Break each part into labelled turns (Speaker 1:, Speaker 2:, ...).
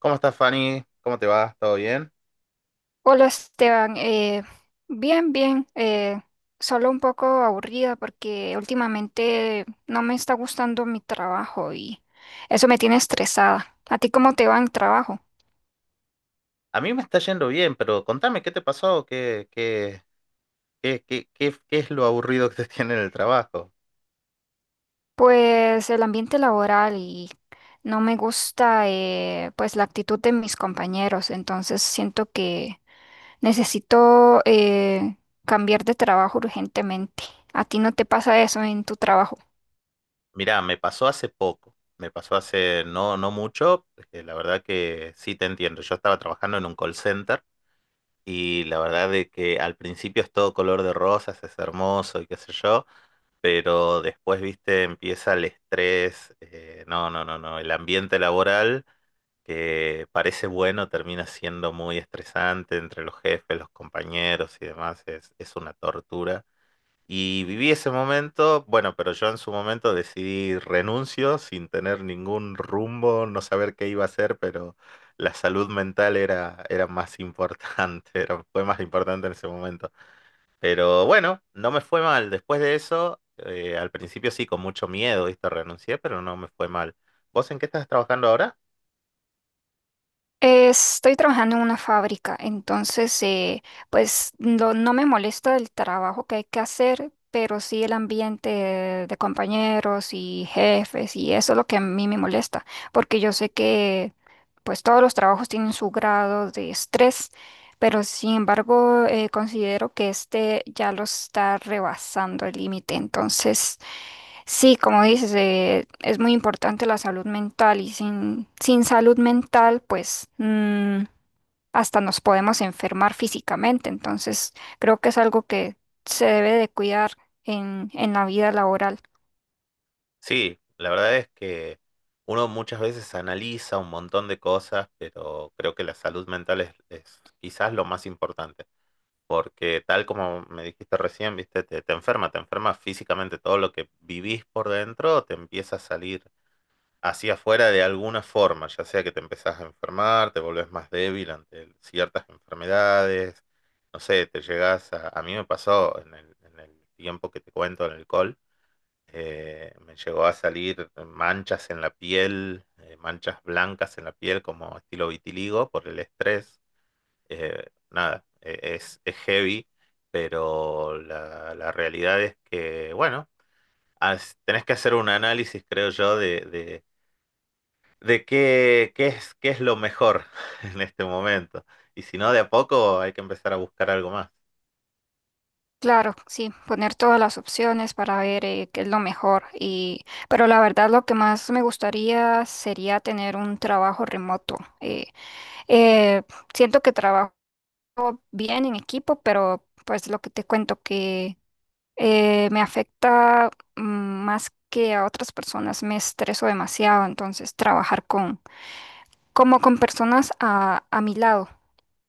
Speaker 1: ¿Cómo estás, Fanny? ¿Cómo te va? ¿Todo bien?
Speaker 2: Hola Esteban, bien, bien, solo un poco aburrida porque últimamente no me está gustando mi trabajo y eso me tiene estresada. ¿A ti cómo te va en el trabajo?
Speaker 1: A mí me está yendo bien, pero contame, ¿qué te pasó? ¿Qué es lo aburrido que te tiene en el trabajo?
Speaker 2: Pues el ambiente laboral y no me gusta, pues la actitud de mis compañeros, entonces siento que necesito cambiar de trabajo urgentemente. ¿A ti no te pasa eso en tu trabajo?
Speaker 1: Mirá, me pasó hace poco. Me pasó hace no mucho, porque la verdad que sí te entiendo. Yo estaba trabajando en un call center y la verdad de que al principio es todo color de rosas, es hermoso y qué sé yo, pero después, viste, empieza el estrés. No, no, no, no. El ambiente laboral que parece bueno termina siendo muy estresante entre los jefes, los compañeros y demás, es una tortura. Y viví ese momento, bueno, pero yo en su momento decidí renuncio sin tener ningún rumbo, no saber qué iba a hacer, pero la salud mental era más importante, fue más importante en ese momento. Pero bueno, no me fue mal. Después de eso, al principio sí, con mucho miedo, ¿viste? Renuncié, pero no me fue mal. ¿Vos en qué estás trabajando ahora?
Speaker 2: Estoy trabajando en una fábrica, entonces pues no, no me molesta el trabajo que hay que hacer, pero sí el ambiente de compañeros y jefes y eso es lo que a mí me molesta, porque yo sé que pues todos los trabajos tienen su grado de estrés, pero sin embargo, considero que este ya lo está rebasando el límite. Entonces sí, como dices, es muy importante la salud mental y sin salud mental, pues mm, hasta nos podemos enfermar físicamente. Entonces creo que es algo que se debe de cuidar en la vida laboral.
Speaker 1: Sí, la verdad es que uno muchas veces analiza un montón de cosas, pero creo que la salud mental es quizás lo más importante, porque tal como me dijiste recién, viste, te enferma, te enferma físicamente, todo lo que vivís por dentro te empieza a salir hacia afuera de alguna forma, ya sea que te empezás a enfermar, te volvés más débil ante ciertas enfermedades, no sé, A mí me pasó en el tiempo que te cuento en el alcohol me llegó a salir manchas en la piel, manchas blancas en la piel como estilo vitiligo por el estrés. Eh, nada, es heavy, pero la realidad es que, bueno, tenés que hacer un análisis, creo yo, de qué es lo mejor en este momento. Y si no, de a poco hay que empezar a buscar algo más.
Speaker 2: Claro, sí, poner todas las opciones para ver qué es lo mejor. Y, pero la verdad, lo que más me gustaría sería tener un trabajo remoto. Eh, Siento que trabajo bien en equipo, pero pues lo que te cuento, que me afecta mm, más que a otras personas, me estreso demasiado, entonces trabajar con, como con personas a mi lado.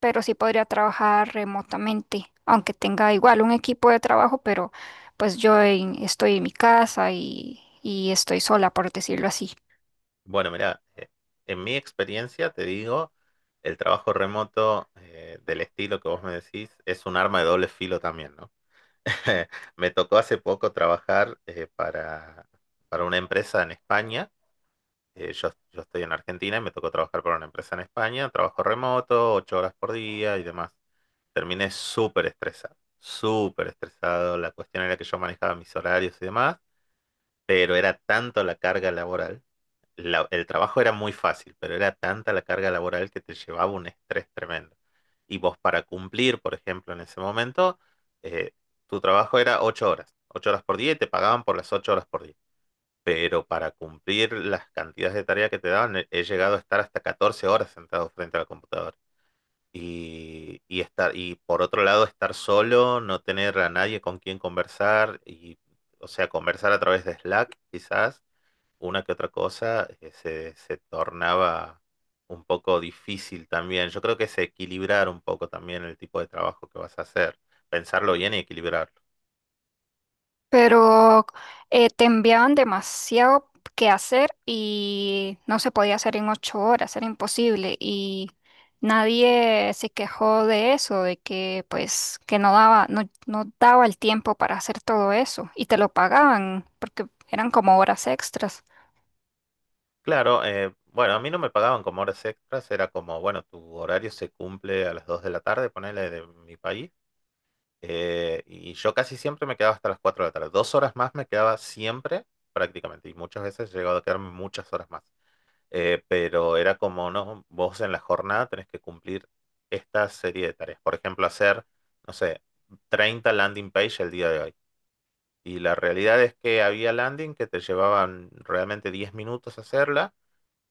Speaker 2: Pero sí podría trabajar remotamente, aunque tenga igual un equipo de trabajo, pero pues estoy en mi casa y estoy sola, por decirlo así.
Speaker 1: Bueno, mira, en mi experiencia te digo, el trabajo remoto del estilo que vos me decís es un arma de doble filo también, ¿no? Me tocó hace poco trabajar para una empresa en España. Yo estoy en Argentina y me tocó trabajar para una empresa en España, trabajo remoto, 8 horas por día y demás. Terminé súper estresado, súper estresado. La cuestión era que yo manejaba mis horarios y demás, pero era tanto la carga laboral, el trabajo era muy fácil, pero era tanta la carga laboral que te llevaba un estrés tremendo. Y vos para cumplir, por ejemplo, en ese momento, eh, tu trabajo era 8 horas, 8 horas por día y te pagaban por las 8 horas por día. Pero para cumplir las cantidades de tarea que te daban, he llegado a estar hasta 14 horas sentado frente a la computadora. Y por otro lado, estar solo, no tener a nadie con quien conversar, y, o sea, conversar a través de Slack, quizás, una que otra cosa se tornaba un poco difícil también. Yo creo que es equilibrar un poco también el tipo de trabajo que vas a hacer, pensarlo bien y equilibrarlo.
Speaker 2: Pero te enviaban demasiado que hacer y no se podía hacer en 8 horas, era imposible. Y nadie se quejó de eso, de que pues que no daba, no, no daba el tiempo para hacer todo eso. Y te lo pagaban, porque eran como horas extras.
Speaker 1: Claro, bueno, a mí no me pagaban como horas extras, era como, bueno, tu horario se cumple a las 2 de la tarde, ponele, de mi país, y yo casi siempre me quedaba hasta las 4 de la tarde. 2 horas más me quedaba siempre, prácticamente, y muchas veces he llegado a quedarme muchas horas más. Pero era como, no, vos en la jornada tenés que cumplir esta serie de tareas. Por ejemplo, hacer, no sé, 30 landing page el día de hoy. Y la realidad es que había landing que te llevaban realmente 10 minutos hacerla,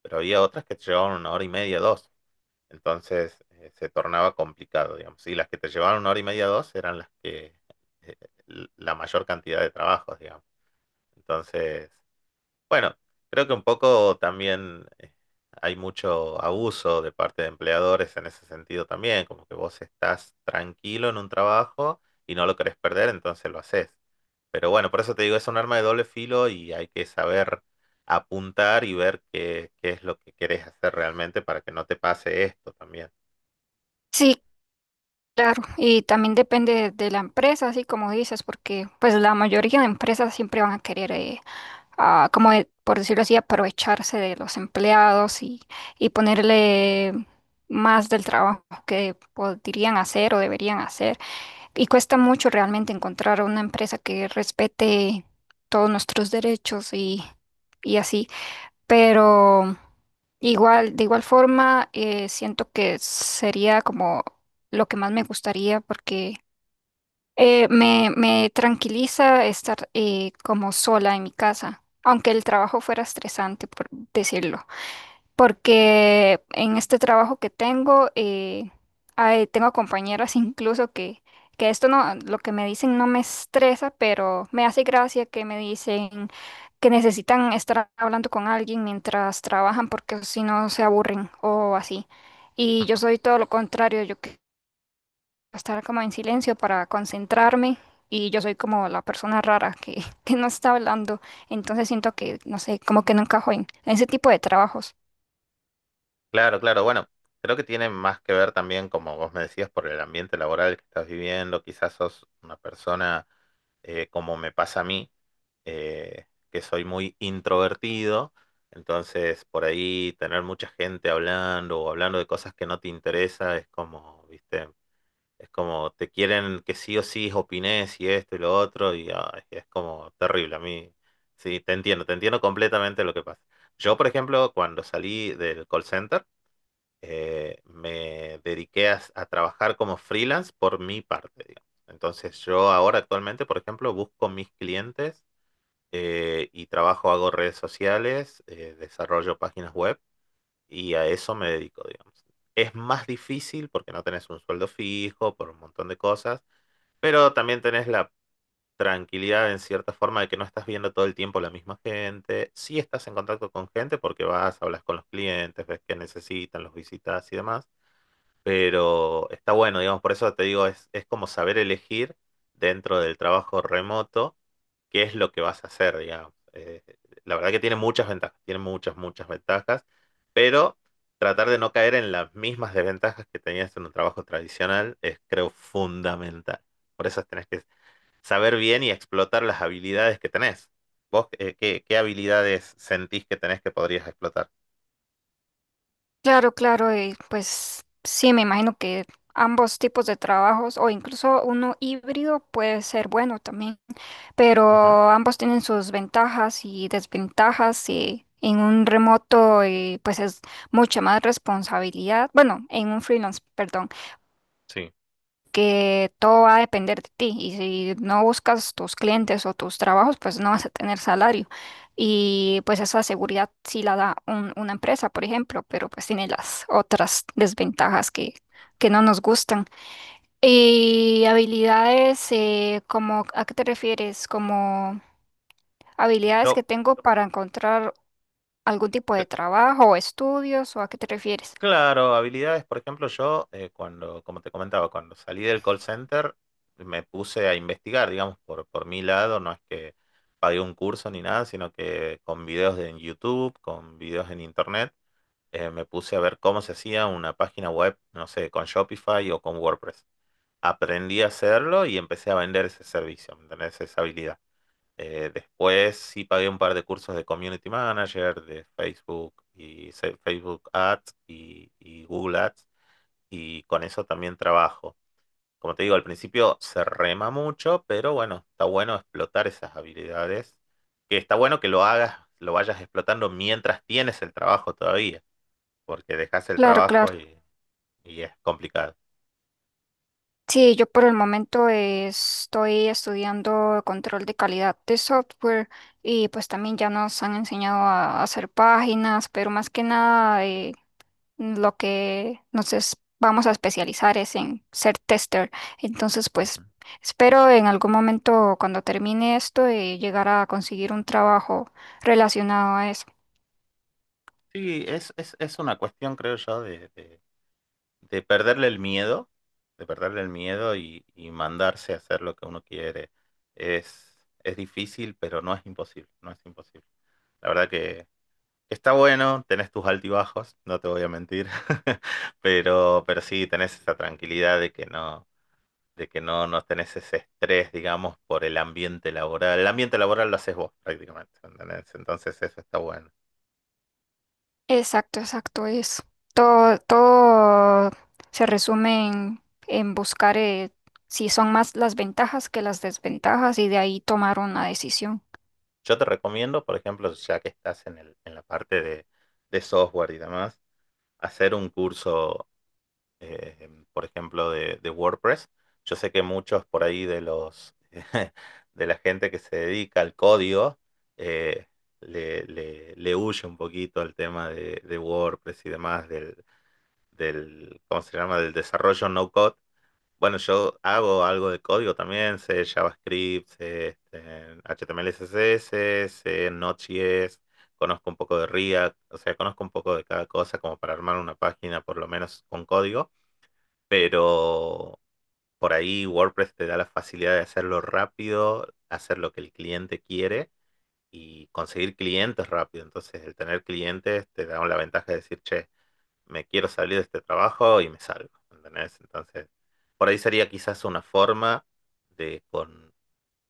Speaker 1: pero había otras que te llevaban 1 hora y media, dos. Entonces se tornaba complicado, digamos. Y las que te llevaban 1 hora y media, dos eran las que eh, la mayor cantidad de trabajos, digamos. Entonces, bueno, creo que un poco también hay mucho abuso de parte de empleadores en ese sentido también, como que vos estás tranquilo en un trabajo y no lo querés perder, entonces lo haces. Pero bueno, por eso te digo, es un arma de doble filo y hay que saber apuntar y ver qué es lo que querés hacer realmente para que no te pase esto también.
Speaker 2: Sí, claro. Y también depende de la empresa, así como dices, porque pues la mayoría de empresas siempre van a querer, a, por decirlo así, aprovecharse de los empleados y ponerle más del trabajo que podrían hacer o deberían hacer. Y cuesta mucho realmente encontrar una empresa que respete todos nuestros derechos y así. Pero igual, de igual forma, siento que sería como lo que más me gustaría, porque me tranquiliza estar, como sola en mi casa, aunque el trabajo fuera estresante, por decirlo, porque en este trabajo que tengo, tengo compañeras incluso que esto no, lo que me dicen no me estresa, pero me hace gracia que me dicen que necesitan estar hablando con alguien mientras trabajan porque si no se aburren o así. Y yo soy todo lo contrario, yo estar como en silencio para concentrarme, y yo soy como la persona rara que que no está hablando, entonces siento que, no sé, como que no encajo en ese tipo de trabajos.
Speaker 1: Claro, claro. Bueno, creo que tiene más que ver también, como vos me decías, por el ambiente laboral que estás viviendo. Quizás sos una persona, como me pasa a mí, que soy muy introvertido. Entonces, por ahí, tener mucha gente hablando o hablando de cosas que no te interesa es como, viste, es como te quieren que sí o sí opines, y esto y lo otro y ay, es como terrible a mí. Sí, te entiendo completamente lo que pasa. Yo, por ejemplo, cuando salí del call center, me dediqué a trabajar como freelance por mi parte, digamos. Entonces yo ahora, actualmente, por ejemplo, busco mis clientes y trabajo, hago redes sociales, desarrollo páginas web, y a eso me dedico, digamos. Es más difícil porque no tenés un sueldo fijo, por un montón de cosas, pero también tenés la tranquilidad, en cierta forma, de que no estás viendo todo el tiempo la misma gente. Sí estás en contacto con gente porque vas, hablas con los clientes, ves qué necesitan, los visitas y demás, pero está bueno, digamos, por eso te digo, es como saber elegir dentro del trabajo remoto qué es lo que vas a hacer, digamos. La verdad que tiene muchas ventajas, tiene muchas, muchas ventajas, pero tratar de no caer en las mismas desventajas que tenías en un trabajo tradicional es, creo, fundamental. Por eso tenés que saber bien y explotar las habilidades que tenés. ¿Vos qué habilidades sentís que tenés que podrías explotar?
Speaker 2: Claro, claro, y pues sí, me imagino que ambos tipos de trabajos o incluso uno híbrido puede ser bueno también,
Speaker 1: Ujú.
Speaker 2: pero ambos tienen sus ventajas y desventajas, y en un remoto, pues es mucha más responsabilidad, bueno, en un freelance, perdón,
Speaker 1: Sí.
Speaker 2: que todo va a depender de ti, y si no buscas tus clientes o tus trabajos, pues no vas a tener salario. Y pues esa seguridad sí la da una empresa, por ejemplo, pero pues tiene las otras desventajas que no nos gustan. Y habilidades, como, ¿a qué te refieres? Como habilidades
Speaker 1: Yo,
Speaker 2: que tengo para encontrar algún tipo de trabajo o estudios, ¿o a qué te refieres?
Speaker 1: Claro, habilidades, por ejemplo, yo cuando, como te comentaba, cuando salí del call center, me puse a investigar, digamos, por mi lado. No es que pagué un curso ni nada, sino que con videos en YouTube, con videos en internet, me puse a ver cómo se hacía una página web, no sé, con Shopify o con WordPress. Aprendí a hacerlo y empecé a vender ese servicio, ¿me entendés? Esa habilidad. Después sí pagué un par de cursos de Community Manager, de Facebook, y Facebook Ads y Google Ads, y con eso también trabajo. Como te digo, al principio se rema mucho, pero bueno, está bueno explotar esas habilidades, que está bueno que lo hagas, lo vayas explotando mientras tienes el trabajo todavía, porque dejas el
Speaker 2: Claro,
Speaker 1: trabajo
Speaker 2: claro.
Speaker 1: y es complicado.
Speaker 2: Sí, yo por el momento, estoy estudiando control de calidad de software, y pues también ya nos han enseñado a hacer páginas, pero más que nada, lo que vamos a especializar es en ser tester. Entonces,
Speaker 1: Ujú.
Speaker 2: pues, espero en algún momento, cuando termine esto, llegar a conseguir un trabajo relacionado a eso.
Speaker 1: Sí, es una cuestión, creo yo, de perderle el miedo, de perderle el miedo y mandarse a hacer lo que uno quiere. Es, es difícil, pero no es imposible, no es imposible. La verdad que está bueno, tenés tus altibajos, no te voy a mentir, pero sí, tenés esa tranquilidad de que no tenés ese estrés, digamos, por el ambiente laboral. El ambiente laboral lo haces vos, prácticamente, ¿entendés? Entonces eso está bueno.
Speaker 2: Exacto, exacto, es todo, todo se resume en buscar, si son más las ventajas que las desventajas, y de ahí tomar una decisión.
Speaker 1: Yo te recomiendo, por ejemplo, ya que estás en la parte de software y demás, hacer un curso, por ejemplo, de WordPress. Yo sé que muchos por ahí de los de la gente que se dedica al código eh, le huye un poquito al tema de WordPress y demás, ¿cómo se llama? Del desarrollo no code. Bueno, yo hago algo de código también, sé JavaScript, sé, este, HTML, CSS, sé Node.js, conozco un poco de React, o sea, conozco un poco de cada cosa, como para armar una página, por lo menos, con código, pero por ahí WordPress te da la facilidad de hacerlo rápido, hacer lo que el cliente quiere y conseguir clientes rápido. Entonces, el tener clientes te da la ventaja de decir, che, me quiero salir de este trabajo, y me salgo, ¿entendés? Entonces, por ahí sería quizás una forma de, con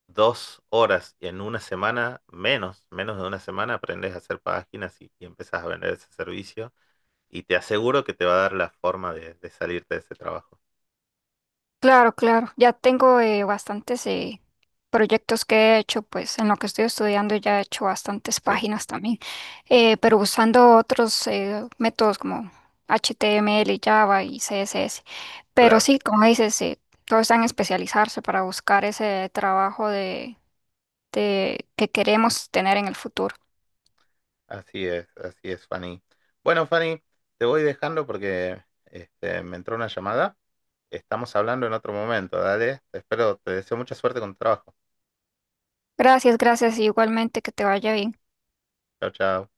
Speaker 1: 2 horas en una semana, menos de una semana, aprendes a hacer páginas y empezás a vender ese servicio, y te aseguro que te va a dar la forma de salirte de ese trabajo.
Speaker 2: Claro, claro, ya tengo, bastantes, proyectos que he hecho, pues en lo que estoy estudiando ya he hecho bastantes
Speaker 1: Sí,
Speaker 2: páginas también, pero usando otros, métodos como HTML, Java y CSS. Pero
Speaker 1: claro.
Speaker 2: sí, como dices, todo está en especializarse para buscar ese trabajo que queremos tener en el futuro.
Speaker 1: Así es, Fanny. Bueno, Fanny, te voy dejando porque, me entró una llamada. Estamos hablando en otro momento, dale. Te espero, te deseo mucha suerte con tu trabajo.
Speaker 2: Gracias, gracias, y igualmente que te vaya bien.
Speaker 1: Chao, chao.